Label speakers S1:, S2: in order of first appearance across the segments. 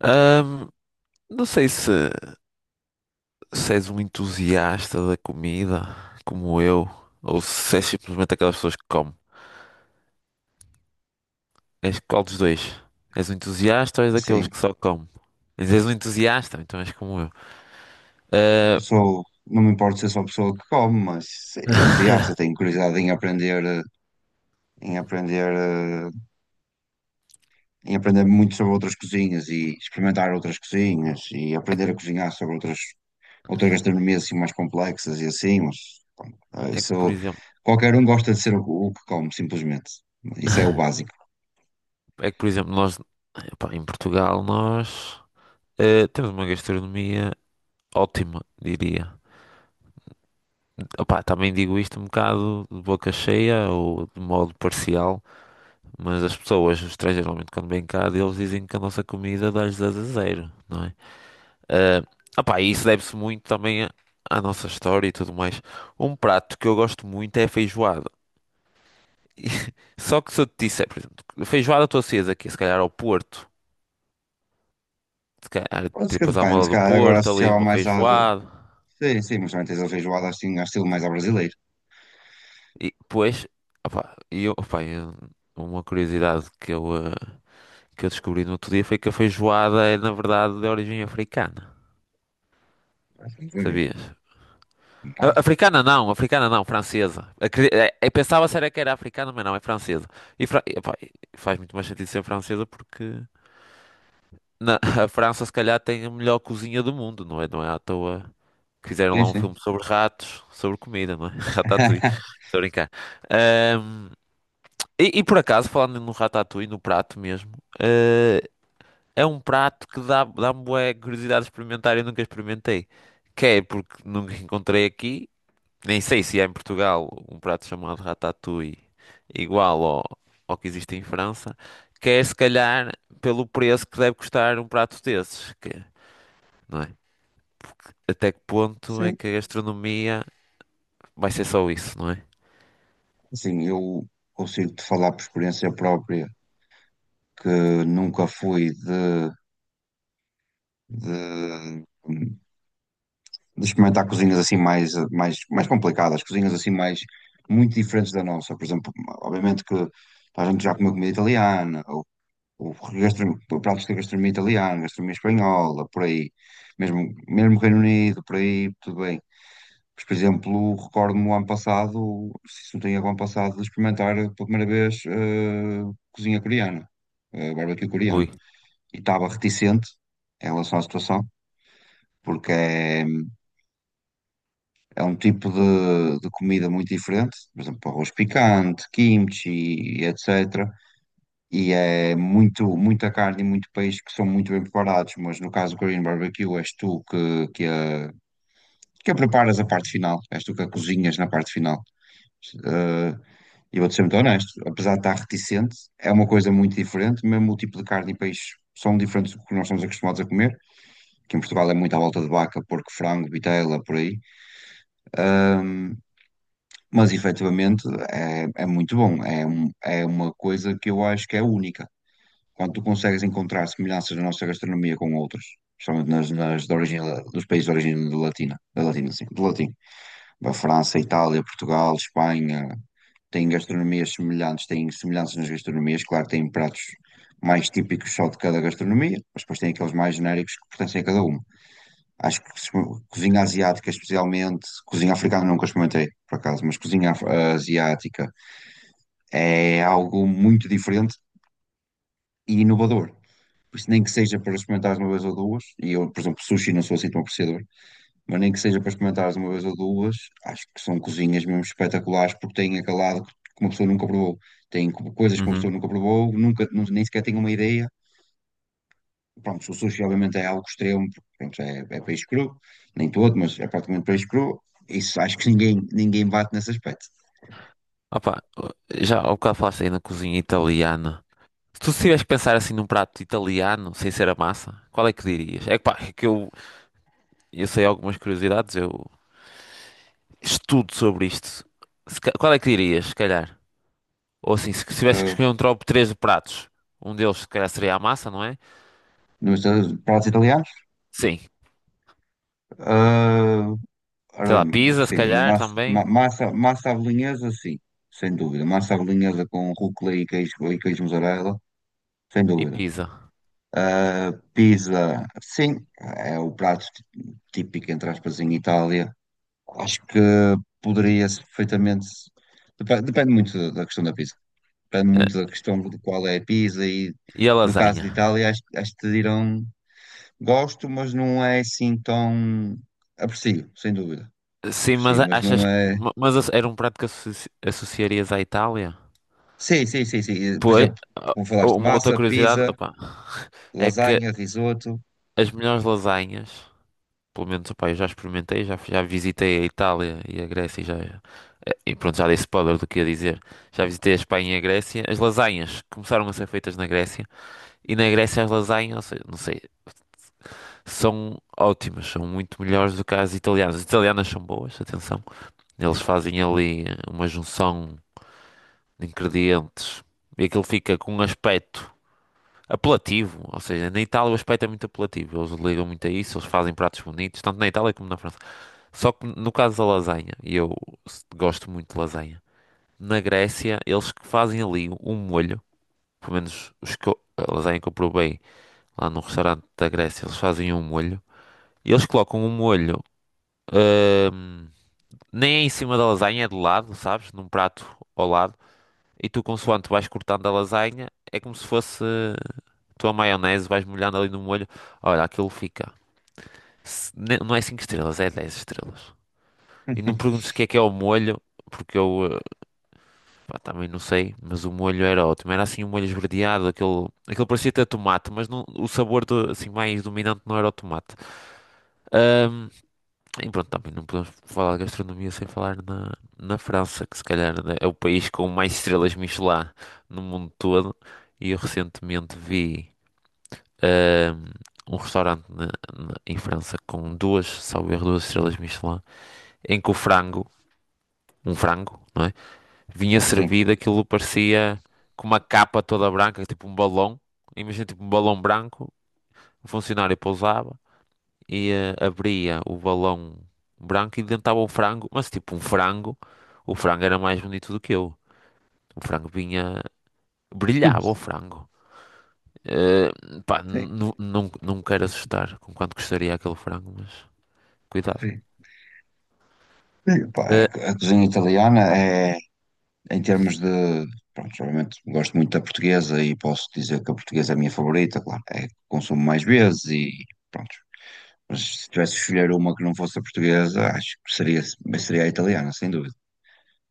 S1: Ahm, não sei se, és um entusiasta da comida, como eu, ou se és simplesmente aquelas pessoas que comem. És qual dos dois? És um entusiasta ou és daqueles
S2: Sim,
S1: que só comem? Mas és um entusiasta, então és como eu. Ah,
S2: sou, não me importo ser só pessoa que come, mas é entusiasta, tenho curiosidade em aprender, em aprender, eh, em aprender muito sobre outras cozinhas e experimentar outras cozinhas e
S1: é, que,
S2: aprender a cozinhar sobre outras gastronomias assim mais complexas e assim, mas
S1: por
S2: isso
S1: exemplo,
S2: qualquer um gosta de ser o que come, simplesmente. Isso é o básico.
S1: é que, por exemplo, em Portugal, nós temos uma gastronomia ótima, diria. Opá, também digo isto um bocado de boca cheia ou de modo parcial, mas as pessoas, os estrangeiros, geralmente quando vêm cá, eles dizem que a nossa comida dá-lhes 10 a zero, não é? Opá, e isso deve-se muito também à nossa história e tudo mais. Um prato que eu gosto muito é a feijoada. E- Só que se eu te disser, por exemplo, feijoada estou acesa aqui, se calhar ao Porto, se calhar
S2: Pode ser que
S1: tripas à
S2: depende,
S1: moda
S2: se
S1: do
S2: calhar agora
S1: Porto, ali
S2: associava
S1: uma
S2: mais à.
S1: feijoada.
S2: Sim, sim, mas também tens a feijoada assim, ao estilo mais ao brasileiro.
S1: E depois, opá, e eu, opá, eu- uma curiosidade que eu descobri no outro dia foi que a feijoada é, na verdade, de origem africana.
S2: Não,
S1: Sabias? Africana não, francesa. Eu pensava se era que era africana, mas não, é francesa. E fra- e, Faz muito mais sentido ser francesa porque na- a França se calhar tem a melhor cozinha do mundo, não é? Não é à toa que fizeram
S2: sim,
S1: lá um
S2: sim.
S1: filme sobre ratos, sobre comida, não é? Ratatouille. Estou a brincar. Ahm, e por acaso, falando no ratatouille, no prato mesmo, eh, é um prato que dá, dá-me bué curiosidade de experimentar e eu nunca experimentei. Que é porque nunca encontrei aqui nem sei se há em Portugal um prato chamado ratatouille igual ao que existe em França, que é se calhar pelo preço que deve custar um prato desses, não é? Até que ponto é
S2: Sim,
S1: que a gastronomia vai ser só isso, não é?
S2: assim, eu consigo-te falar por experiência própria que nunca fui de- de experimentar cozinhas assim mais complicadas, cozinhas assim mais muito diferentes da nossa. Por exemplo, obviamente que a gente já comeu comida italiana, ou gastro- pratos de gastronomia italiana, gastronomia espanhola, por aí, mesmo, mesmo Reino Unido, por aí, tudo bem. Mas, por exemplo, recordo-me o ano passado, se não tenho erro, o ano passado, de experimentar pela primeira vez cozinha coreana, barbecue coreano.
S1: Ui.
S2: E estava reticente em relação à situação, porque é um tipo de comida muito diferente, por exemplo, arroz picante, kimchi, e etc. E é muita carne e muito peixe que são muito bem preparados, mas no caso do Korean Barbecue és tu que a preparas a parte final, és tu que a cozinhas na parte final. Eh, e vou-te ser muito honesto, apesar de estar reticente, é uma coisa muito diferente, mesmo o tipo de carne e peixe são diferentes do que nós estamos acostumados a comer, que em Portugal é muito à volta de vaca, porco, frango, vitela, por aí. Ahm, mas efetivamente é muito bom, é uma coisa que eu acho que é única. Quando tu consegues encontrar semelhanças na nossa gastronomia com outras, principalmente nas de origem, dos países de origem de latina, da latina, sim, de latim. A França, Itália, Portugal, Espanha têm gastronomias semelhantes, têm semelhanças nas gastronomias. Claro, que têm pratos mais típicos só de cada gastronomia, mas depois têm aqueles mais genéricos que pertencem a cada uma. Acho que se- Cozinha asiática, especialmente, cozinha africana nunca experimentei, por acaso, mas asiática é algo muito diferente e inovador. Por isso, nem que seja para experimentar uma vez ou duas, e eu, por exemplo, sushi não sou assim tão apreciador, mas nem que seja para experimentares uma vez ou duas, acho que são cozinhas mesmo espetaculares porque têm aquele lado que uma pessoa nunca provou. Coisas que uma
S1: Uhum.
S2: pessoa nunca provou, nunca, nu- nem sequer tem uma ideia. Pronto, o sushi obviamente é algo extremo, porque, pronto, é peixe cru, nem todo, mas é praticamente peixe cru. Isso acho que ninguém bate nesse aspecto.
S1: Opa, já ao bocado falaste aí na cozinha italiana. Se tu tivesse que pensar assim num prato italiano, sem ser a massa, qual é que dirias? É que pá, eu sei algumas curiosidades, eu estudo sobre isto. Se ca- Qual é que dirias, se calhar? Ou assim, se tivesse que
S2: Ah,
S1: escolher um top 3 de pratos, um deles se calhar seria a massa, não é?
S2: nos pratos italianos,
S1: Sim.
S2: ah, ora
S1: Sei lá,
S2: bem,
S1: pizza, se
S2: sim,
S1: calhar também.
S2: massa à bolonhesa, sim, sem dúvida. Massa à bolonhesa com rúcula e queijo mussarela, sem
S1: E
S2: dúvida.
S1: pizza.
S2: Pizza, sim, é o prato típico, entre aspas, em Itália. Acho que poderia-se perfeitamente. Depende, depende muito da questão da pizza. Depende
S1: Eh,
S2: muito da questão de qual é a pizza e,
S1: E a
S2: no caso
S1: lasanha.
S2: de Itália, acho que te dirão gosto, mas não é assim tão. Aprecio, sem dúvida.
S1: Sim,
S2: Aprecio, mas
S1: achas
S2: não
S1: que.
S2: é.
S1: Mas era um prato que associarias à Itália?
S2: Sim, sim, sim, sim. Por
S1: Pois.
S2: exemplo,
S1: ah,
S2: como falaste,
S1: Uma outra
S2: massa,
S1: curiosidade,
S2: pizza,
S1: opa, é que
S2: lasanha, risoto.
S1: as melhores lasanhas, pelo menos, opa, eu já experimentei, já visitei a Itália e a Grécia e já. E pronto, já dei spoiler do que ia dizer. Já visitei a Espanha e a Grécia. As lasanhas começaram a ser feitas na Grécia. E na Grécia as lasanhas, ou seja, não sei, são ótimas, são muito melhores do que as italianas. As italianas são boas, atenção. Eles fazem ali uma junção de ingredientes e aquilo fica com um aspecto apelativo. Ou seja, na Itália o aspecto é muito apelativo. Eles ligam muito a isso, eles fazem pratos bonitos, tanto na Itália como na França. Só que no caso da lasanha, e eu gosto muito de lasanha, na Grécia eles que fazem ali um molho, pelo menos a lasanha que eu provei lá num restaurante da Grécia, eles fazem um molho e eles colocam um molho, ahm, nem é em cima da lasanha, é de lado, sabes? Num prato ao lado. E tu, consoante vais cortando a lasanha, é como se fosse tua maionese, vais molhando ali no molho. Olha, aquilo fica. Não é 5 estrelas, é 10 estrelas. E não me perguntes o que é o molho, porque eu pá, também não sei, mas o molho era ótimo. Era assim um molho esverdeado, aquele parecia ter tomate, mas não, o sabor assim, mais dominante não era o tomate. Ahm, E pronto, também não podemos falar de gastronomia sem falar na, na França, que se calhar né, é o país com mais estrelas Michelin no mundo todo. E eu recentemente vi ahm, um restaurante em França com duas, salvo erro, duas estrelas Michelin, em que o frango, um frango, não é? Vinha
S2: Sim,
S1: servido, aquilo parecia com uma capa toda branca, tipo um balão. Imagina tipo um balão branco, o funcionário pousava e abria o balão branco e dentro estava um frango, mas tipo um frango. O frango era mais bonito do que eu. O frango vinha, brilhava o frango. Eh, Pá,
S2: sim.
S1: não quero assustar com quanto custaria aquele frango, mas cuidado.
S2: Ok. Sim, pá,
S1: Eh,
S2: a cozinha italiana é, em termos de, pronto, geralmente gosto muito da portuguesa e posso dizer que a portuguesa é a minha favorita, claro, é a que consumo mais vezes e pronto. Mas se tivesse de escolher uma que não fosse a portuguesa, acho que seria a italiana, sem dúvida.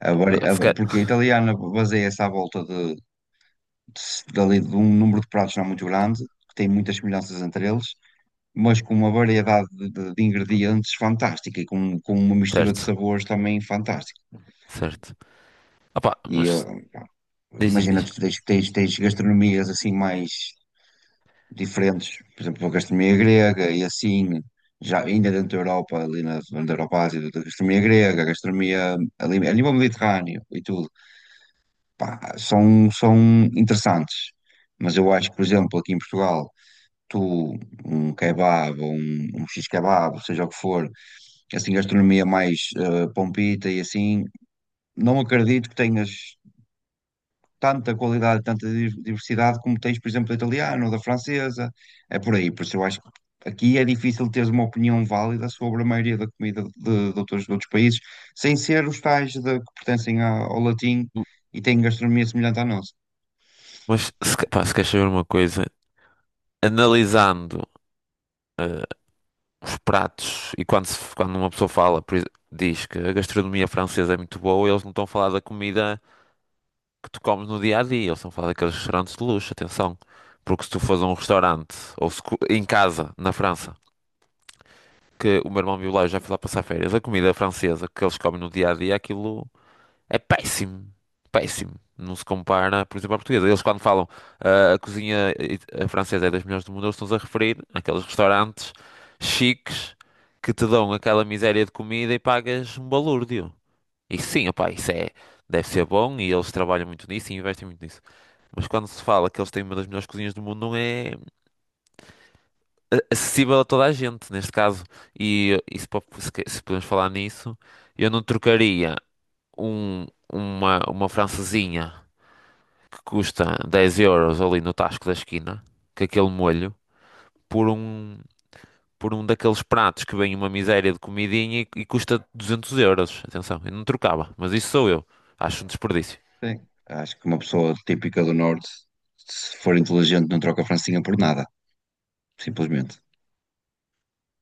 S1: se ca-
S2: Porque a italiana baseia-se à volta dali de um número de pratos não muito grande, que tem muitas semelhanças entre eles, mas com uma variedade de ingredientes fantástica e com uma mistura de
S1: Certo,
S2: sabores também fantástica.
S1: certo. Opa,
S2: E
S1: mas
S2: eh,
S1: diz, diz,
S2: Imagina,
S1: diz.
S2: tu tens, tens, tens gastronomias assim mais diferentes, por exemplo, a gastronomia grega e assim, já ainda dentro da Europa, dentro da Europa Ásia, a gastronomia grega, a gastronomia ali, a nível mediterrâneo e tudo, pá, são interessantes. Mas eu acho que, por exemplo, aqui em Portugal, tu, um kebab ou um x-kebab, seja o que for, assim, gastronomia mais pompita e assim, não acredito que tenhas tanta qualidade, diversidade como tens, por exemplo, da italiana ou da francesa. É por aí, por isso eu acho que aqui é difícil teres uma opinião válida sobre a maioria da comida de outros países, sem ser os tais que pertencem ao latim
S1: M-
S2: e têm gastronomia semelhante à nossa.
S1: Mas se, pá, se queres saber uma coisa, analisando eh, os pratos, e quando, quando uma pessoa fala, diz que a gastronomia francesa é muito boa, eles não estão a falar da comida que tu comes no dia a dia, eles estão a falar daqueles restaurantes de luxo, atenção. Porque se tu fores a um restaurante, ou se, em casa, na França, que o meu irmão viu lá, eu já fui lá passar férias, a comida francesa que eles comem no dia a dia, aquilo. É péssimo. Péssimo. Não se compara, por exemplo, à portuguesa. Eles, quando falam ah, a cozinha i- a francesa é das melhores do mundo, eles estão-se a referir àqueles restaurantes chiques que te dão aquela miséria de comida e pagas um balúrdio. E sim, opá, isso é, deve ser bom e eles trabalham muito nisso e investem muito nisso. Mas quando se fala que eles têm uma das melhores cozinhas do mundo, não é acessível a toda a gente, neste caso. E se, po- se que- Se podemos falar nisso, eu não trocaria um, uma francesinha que custa 10 euros ali no tasco da esquina, com aquele molho, por um, por um daqueles pratos que vem uma miséria de comidinha e custa 200 euros. Atenção, eu não trocava, mas isso sou eu. Acho um desperdício.
S2: Sim. Acho que uma pessoa típica do Norte, se for inteligente, não troca a francinha por nada, simplesmente.